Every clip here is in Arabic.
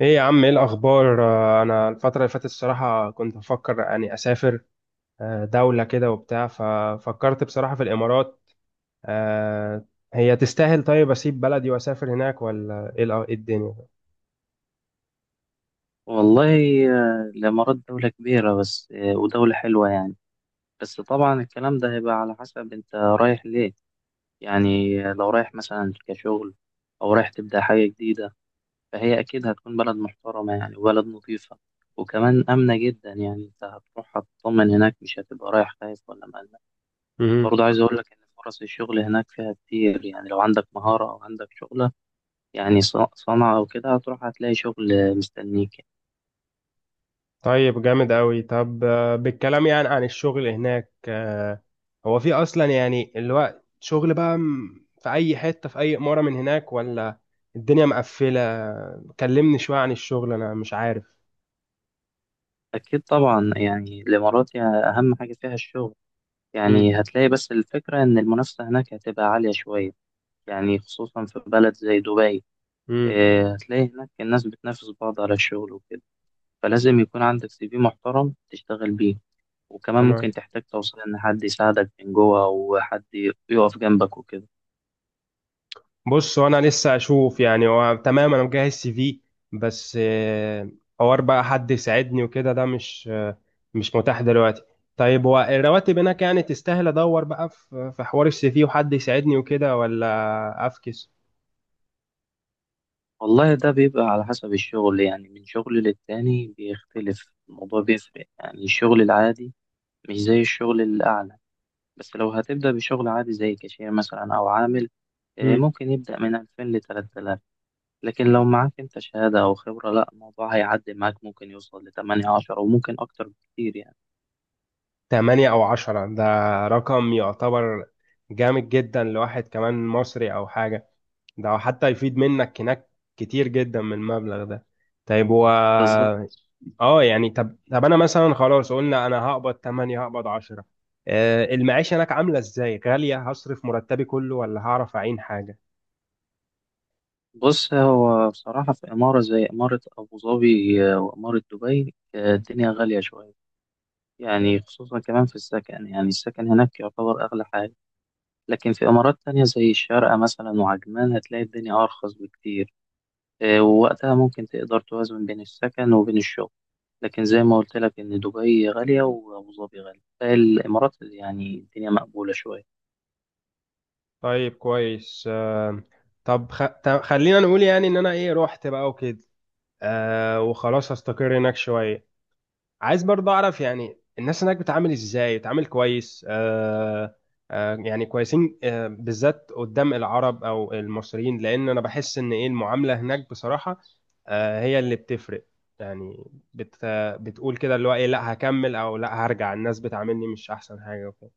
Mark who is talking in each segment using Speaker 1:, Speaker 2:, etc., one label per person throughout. Speaker 1: ايه يا عم، ايه الاخبار؟ انا الفتره اللي فاتت الصراحه كنت بفكر يعني اسافر. دوله كده وبتاع، ففكرت بصراحه في الامارات. آه، هي تستاهل؟ طيب اسيب بلدي واسافر هناك، ولا ايه إيه الدنيا؟
Speaker 2: والله الإمارات دولة كبيرة بس ودولة حلوة يعني. بس طبعا الكلام ده هيبقى على حسب أنت رايح ليه. يعني لو رايح مثلا كشغل أو رايح تبدأ حاجة جديدة فهي أكيد هتكون بلد محترمة يعني وبلد نظيفة وكمان آمنة جدا، يعني أنت هتروح هتطمن هناك، مش هتبقى رايح خايف ولا مقلق.
Speaker 1: مهم.
Speaker 2: برضه عايز أقول لك إن فرص الشغل هناك فيها كتير، يعني لو عندك مهارة أو عندك شغلة يعني صنعة أو كده هتروح هتلاقي شغل مستنيك.
Speaker 1: طيب جامد قوي. طب بالكلام يعني عن الشغل هناك، هو في اصلا يعني الوقت شغل بقى في اي حته في اي اماره من هناك، ولا الدنيا مقفله؟ كلمني شويه عن الشغل، انا مش عارف.
Speaker 2: أكيد طبعا، يعني الإمارات يعني أهم حاجة فيها الشغل،
Speaker 1: مم.
Speaker 2: يعني هتلاقي، بس الفكرة إن المنافسة هناك هتبقى عالية شوية يعني خصوصا في بلد زي دبي.
Speaker 1: مم.
Speaker 2: إيه، هتلاقي هناك الناس بتنافس بعض على الشغل وكده، فلازم يكون عندك سي في محترم تشتغل بيه، وكمان ممكن
Speaker 1: تمام.
Speaker 2: تحتاج توصل إن حد يساعدك من جوه أو حد يقف جنبك وكده.
Speaker 1: بص، وانا لسه اشوف يعني. هو تمام انا مجهز سي في، بس حوار بقى حد يساعدني وكده ده مش مش متاح دلوقتي. طيب هو الرواتب هناك يعني تستاهل ادور بقى في حوار السي في وحد يساعدني وكده، ولا افكس؟
Speaker 2: والله ده بيبقى على حسب الشغل، يعني من شغل للتاني بيختلف الموضوع، بيفرق يعني الشغل العادي مش زي الشغل الأعلى. بس لو هتبدأ بشغل عادي زي كاشير مثلا أو عامل،
Speaker 1: مم.
Speaker 2: ممكن يبدأ من 2000 ل 3000. لكن لو معاك أنت شهادة أو خبرة، لا الموضوع هيعدي معاك، ممكن يوصل لتمانية عشرة وممكن أكتر بكتير يعني.
Speaker 1: 8 او 10، ده رقم يعتبر جامد جدا لواحد كمان مصري او حاجة. ده حتى يفيد منك هناك كتير جدا من المبلغ ده. طيب و
Speaker 2: بالظبط.
Speaker 1: اه يعني، طب انا مثلا خلاص، قلنا انا هقبض 8 هقبض 10، آه، المعيشة هناك عاملة ازاي؟ غالية؟ هصرف مرتبي كله ولا هعرف اعين حاجة؟
Speaker 2: بص هو بصراحة في إمارة زي إمارة أبو ظبي وإمارة دبي الدنيا غالية شوية، يعني خصوصا كمان في السكن، يعني السكن هناك يعتبر أغلى حاجة. لكن في إمارات تانية زي الشارقة مثلا وعجمان هتلاقي الدنيا أرخص بكتير. ووقتها ممكن تقدر توازن بين السكن وبين الشغل، لكن زي ما قلت لك إن دبي غالية وأبو ظبي غالية، فالإمارات يعني الدنيا مقبولة شوية.
Speaker 1: طيب، كويس. طب طب خلينا نقول يعني ان انا ايه، رحت بقى وكده، وخلاص هستقر هناك شوية. عايز برضه اعرف يعني الناس هناك بتعامل ازاي، بتعامل كويس؟ يعني كويسين؟ بالذات قدام العرب او المصريين، لان انا بحس ان ايه المعاملة هناك بصراحة هي اللي بتفرق يعني. بت بتقول كده اللي هو ايه، لا هكمل او لا هرجع، الناس بتعاملني مش احسن حاجة وكده.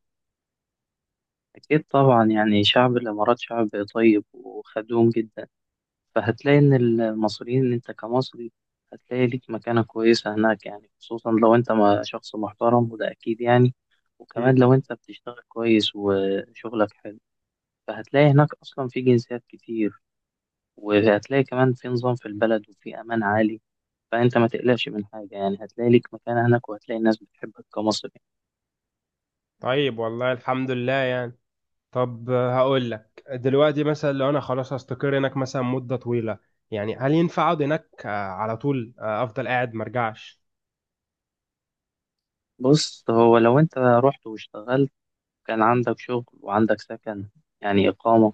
Speaker 2: أكيد طبعا، يعني شعب الإمارات شعب طيب وخدوم جدا، فهتلاقي إن المصريين، إن أنت كمصري، هتلاقي ليك مكانة كويسة هناك يعني، خصوصا لو أنت شخص محترم، وده أكيد يعني، وكمان
Speaker 1: مم.
Speaker 2: لو أنت بتشتغل كويس وشغلك حلو. فهتلاقي هناك أصلا في جنسيات كتير، وهتلاقي كمان في نظام في البلد وفي أمان عالي، فأنت ما تقلقش من حاجة يعني، هتلاقي ليك مكان هناك وهتلاقي الناس بتحبك كمصري.
Speaker 1: طيب، والله الحمد لله يعني. طب هقول لك دلوقتي مثلا، لو انا خلاص هستقر هناك مثلا مدة طويلة، يعني هل ينفع اقعد هناك على طول، افضل قاعد مرجعش؟
Speaker 2: بص هو لو أنت رحت واشتغلت، كان عندك شغل وعندك سكن يعني إقامة،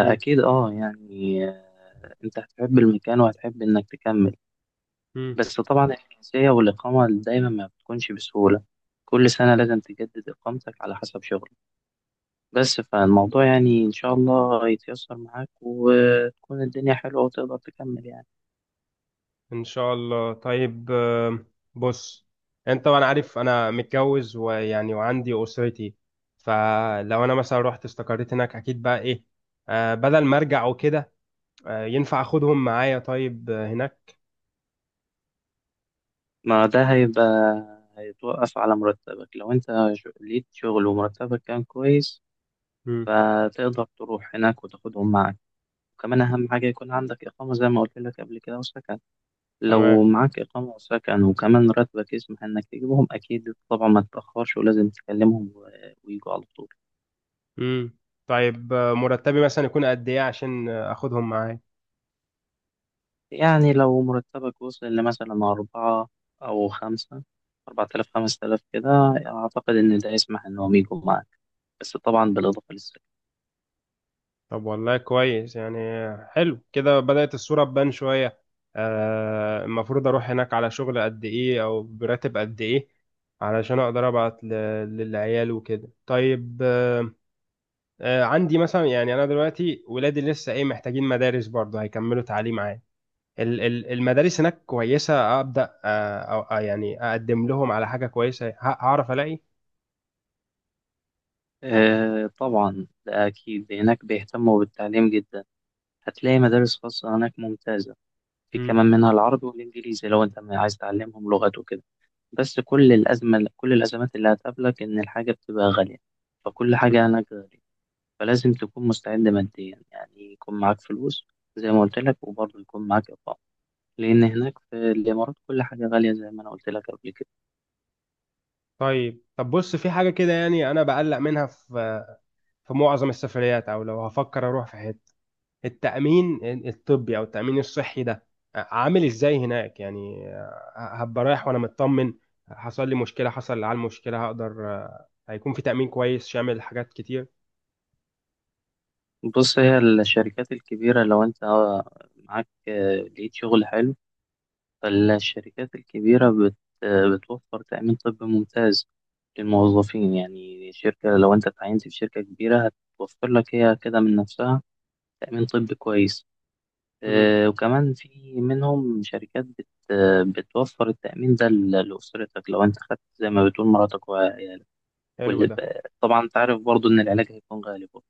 Speaker 1: مم.
Speaker 2: أه يعني آه، أنت هتحب المكان وهتحب إنك تكمل.
Speaker 1: مم.
Speaker 2: بس طبعا الجنسية والإقامة دايما ما بتكونش بسهولة. كل سنة لازم تجدد إقامتك على حسب شغلك. بس فالموضوع يعني إن شاء الله هيتيسر معاك، وتكون الدنيا حلوة وتقدر تكمل يعني.
Speaker 1: ان شاء الله. طيب بص انت، وانا عارف انا متجوز ويعني وعندي اسرتي، فلو انا مثلا رحت استقريت هناك اكيد بقى ايه، بدل ما ارجع وكده، ينفع اخدهم معايا طيب هناك؟
Speaker 2: ما ده هيبقى هيتوقف على مرتبك. لو أنت ليك شغل ومرتبك كان كويس،
Speaker 1: مم.
Speaker 2: فتقدر تروح هناك وتاخدهم معاك. وكمان أهم حاجة يكون عندك إقامة زي ما قلت لك قبل كده وسكن. لو
Speaker 1: تمام.
Speaker 2: معاك إقامة وسكن وكمان راتبك يسمح إنك تجيبهم، أكيد طبعا ما تتأخرش ولازم تكلمهم ويجوا على طول.
Speaker 1: مم. طيب مرتبي مثلا يكون قد ايه عشان اخدهم معايا؟
Speaker 2: يعني لو مرتبك وصل لمثلا أربعة أو خمسة، 4000 5000 كده، أعتقد إن ده يسمح إن هم يجوا معاك. بس طبعا بالإضافة للسعر.
Speaker 1: طب والله كويس يعني. حلو كده، بدأت الصورة تبان شوية. المفروض أروح هناك على شغل قد إيه أو براتب قد إيه علشان أقدر أبعت للعيال وكده؟ طيب عندي مثلا يعني، أنا دلوقتي ولادي لسه إيه، محتاجين مدارس برضه هيكملوا تعليم عام. المدارس هناك كويسة؟ أبدأ أو يعني أقدم لهم على حاجة كويسة، هعرف ألاقي؟
Speaker 2: آه طبعا ده أكيد، هناك بيهتموا بالتعليم جدا. هتلاقي مدارس خاصة هناك ممتازة. في
Speaker 1: مم.
Speaker 2: كمان منها العربي والإنجليزي لو أنت عايز تعلمهم لغات وكده. بس كل الأزمات اللي هتقابلك إن الحاجة بتبقى غالية، فكل حاجة هناك غالية. فلازم تكون مستعد ماديا، يعني يكون معاك فلوس زي ما قلت لك، وبرضه يكون معاك إقامة، لأن هناك في الإمارات كل حاجة غالية زي ما أنا قلت لك قبل كده.
Speaker 1: طيب، طب بص، في حاجة كده يعني أنا بقلق منها في في معظم السفريات، او لو هفكر اروح في حته: التامين الطبي او التامين الصحي ده، عامل ازاي هناك يعني؟ هبقى رايح وانا مطمن، حصل لي على المشكله هقدر؟ هيكون في تامين كويس شامل حاجات كتير؟
Speaker 2: بص هي الشركات الكبيرة لو أنت معاك لقيت شغل حلو، فالشركات الكبيرة بت آه، بتوفر تأمين طبي ممتاز للموظفين. يعني شركة لو أنت اتعينت في شركة كبيرة، هتوفر لك هي كده من نفسها تأمين طبي كويس.
Speaker 1: امم.
Speaker 2: وكمان في منهم شركات بت آه، بتوفر التأمين ده لأسرتك لو أنت خدت زي ما بتقول مراتك وعيالك.
Speaker 1: حلو
Speaker 2: واللي
Speaker 1: ده.
Speaker 2: طبعا أنت عارف برضو إن العلاج هيكون غالي برضه.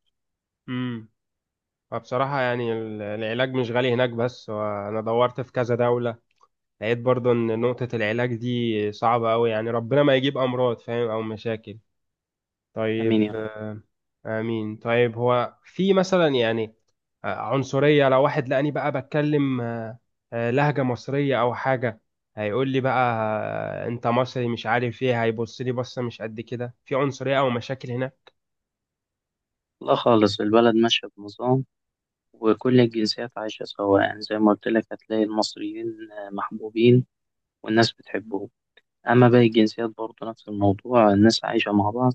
Speaker 1: امم. فبصراحة يعني العلاج مش غالي هناك بس، وأنا دورت في كذا دولة لقيت برضو إن نقطة العلاج دي صعبة أوي يعني، ربنا ما يجيب أمراض فاهم أو مشاكل.
Speaker 2: آمين يا
Speaker 1: طيب
Speaker 2: رب.
Speaker 1: آمين. طيب هو في مثلا يعني، عنصرية لو واحد لقاني بقى بتكلم لهجة مصرية أو حاجة، هيقول لي بقى أنت مصري مش عارف إيه، هيبص لي بصة؟ مش قد كده في عنصرية أو مشاكل هنا؟
Speaker 2: لا خالص، البلد ماشية بنظام وكل الجنسيات عايشة سوا. يعني زي ما قلت لك، هتلاقي المصريين محبوبين والناس بتحبهم. أما باقي الجنسيات برضه نفس الموضوع، الناس عايشة مع بعض.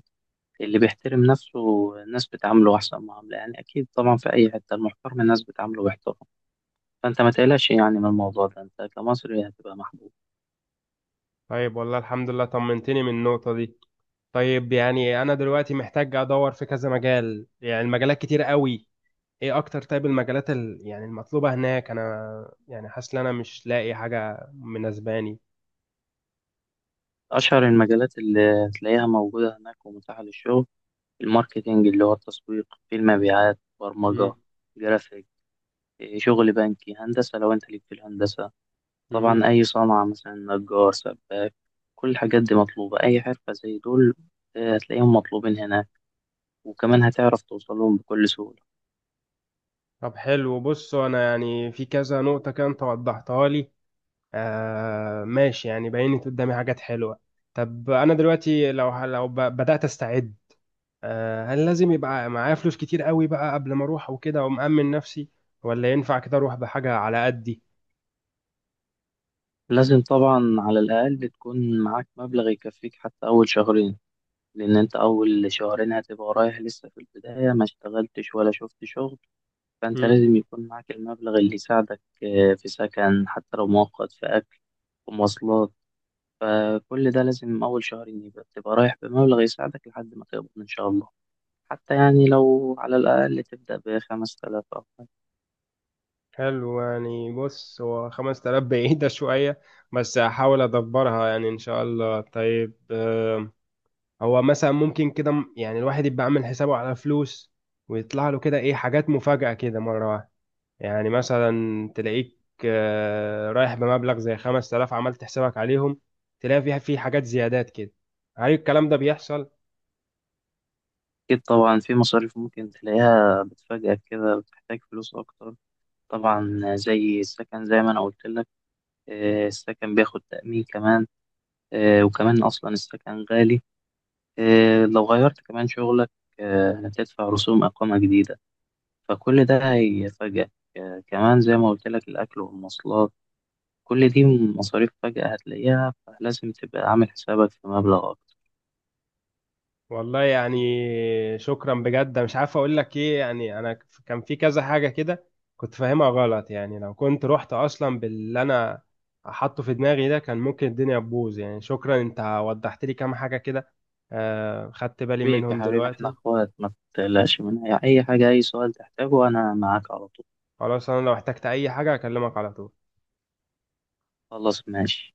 Speaker 2: اللي بيحترم نفسه الناس بتعامله أحسن معاملة، يعني أكيد طبعا في أي حتة المحترم الناس بتعامله باحترام. فانت ما تقلقش يعني من الموضوع ده، انت كمصري هتبقى محبوب.
Speaker 1: طيب، والله الحمد لله، طمنتني من النقطة دي. طيب يعني، أنا دلوقتي محتاج أدور في كذا مجال، يعني المجالات كتير قوي، إيه أكتر؟ طيب المجالات يعني المطلوبة هناك، أنا يعني حاسس إن أنا مش لاقي حاجة مناسباني.
Speaker 2: اشهر المجالات اللي هتلاقيها موجوده هناك ومتاحه للشغل: الماركتينج اللي هو التسويق، في المبيعات، برمجه،
Speaker 1: مم.
Speaker 2: جرافيك، إيه، شغل بنكي، هندسه لو انت ليك في الهندسه، طبعا
Speaker 1: مهم.
Speaker 2: اي صنعه مثلا نجار سباك. كل الحاجات دي مطلوبه، اي حرفه زي دول هتلاقيهم مطلوبين هناك، وكمان هتعرف توصلهم بكل سهوله.
Speaker 1: طب حلو، بص، انا يعني في كذا نقطة كده انت وضحتها لي، آه ماشي، يعني بينت قدامي حاجات حلوة. طب انا دلوقتي لو بدأت استعد، آه، هل لازم يبقى معايا فلوس كتير قوي بقى قبل ما اروح وكده ومأمن نفسي، ولا ينفع كده اروح بحاجة على قدي؟
Speaker 2: لازم طبعا على الاقل تكون معاك مبلغ يكفيك حتى اول شهرين، لأن أنت أول شهرين هتبقى رايح لسه في البداية، ما اشتغلتش ولا شفت شغل. فأنت
Speaker 1: مم.
Speaker 2: لازم يكون معاك المبلغ اللي يساعدك في سكن حتى لو مؤقت، في أكل ومواصلات. فكل ده لازم أول شهرين يبقى تبقى رايح بمبلغ يساعدك لحد ما تقبض إن شاء الله. حتى يعني لو على الأقل تبدأ بـ5000 أو حاجة.
Speaker 1: حلو يعني. بص، هو 5000 بعيدة شوية، بس هحاول ادبرها يعني ان شاء الله. طيب هو مثلا ممكن كده يعني الواحد يبقى عامل حسابه على فلوس، ويطلع له كده ايه حاجات مفاجأة كده مرة واحدة؟ يعني مثلا تلاقيك رايح بمبلغ زي 5000، عملت حسابك عليهم، تلاقي فيها في حاجات زيادات كده، هل الكلام ده بيحصل؟
Speaker 2: أكيد طبعا في مصاريف ممكن تلاقيها بتفاجئك كده، بتحتاج فلوس أكتر. طبعا زي السكن زي ما أنا قلت لك، السكن بياخد تأمين كمان. وكمان أصلا السكن غالي. لو غيرت كمان شغلك، هتدفع رسوم إقامة جديدة، فكل ده هيفاجئك. كمان زي ما قلت لك الأكل والمواصلات، كل دي مصاريف فجأة هتلاقيها، فلازم تبقى عامل حسابك في مبلغ أكتر.
Speaker 1: والله يعني، شكرا بجد، مش عارف اقول لك ايه يعني. انا كان في كذا حاجه كده كنت فاهمها غلط، يعني لو كنت رحت اصلا باللي انا حاطه في دماغي ده كان ممكن الدنيا تبوظ يعني. شكرا، انت وضحت لي كام حاجه كده خدت بالي
Speaker 2: حبيبي
Speaker 1: منهم
Speaker 2: حبيبي، إحنا
Speaker 1: دلوقتي.
Speaker 2: إخوات، ما تقلقش من أي حاجة. أي سؤال تحتاجه أنا معاك على طول.
Speaker 1: خلاص، انا لو احتجت اي حاجه اكلمك على طول.
Speaker 2: خلاص ماشي.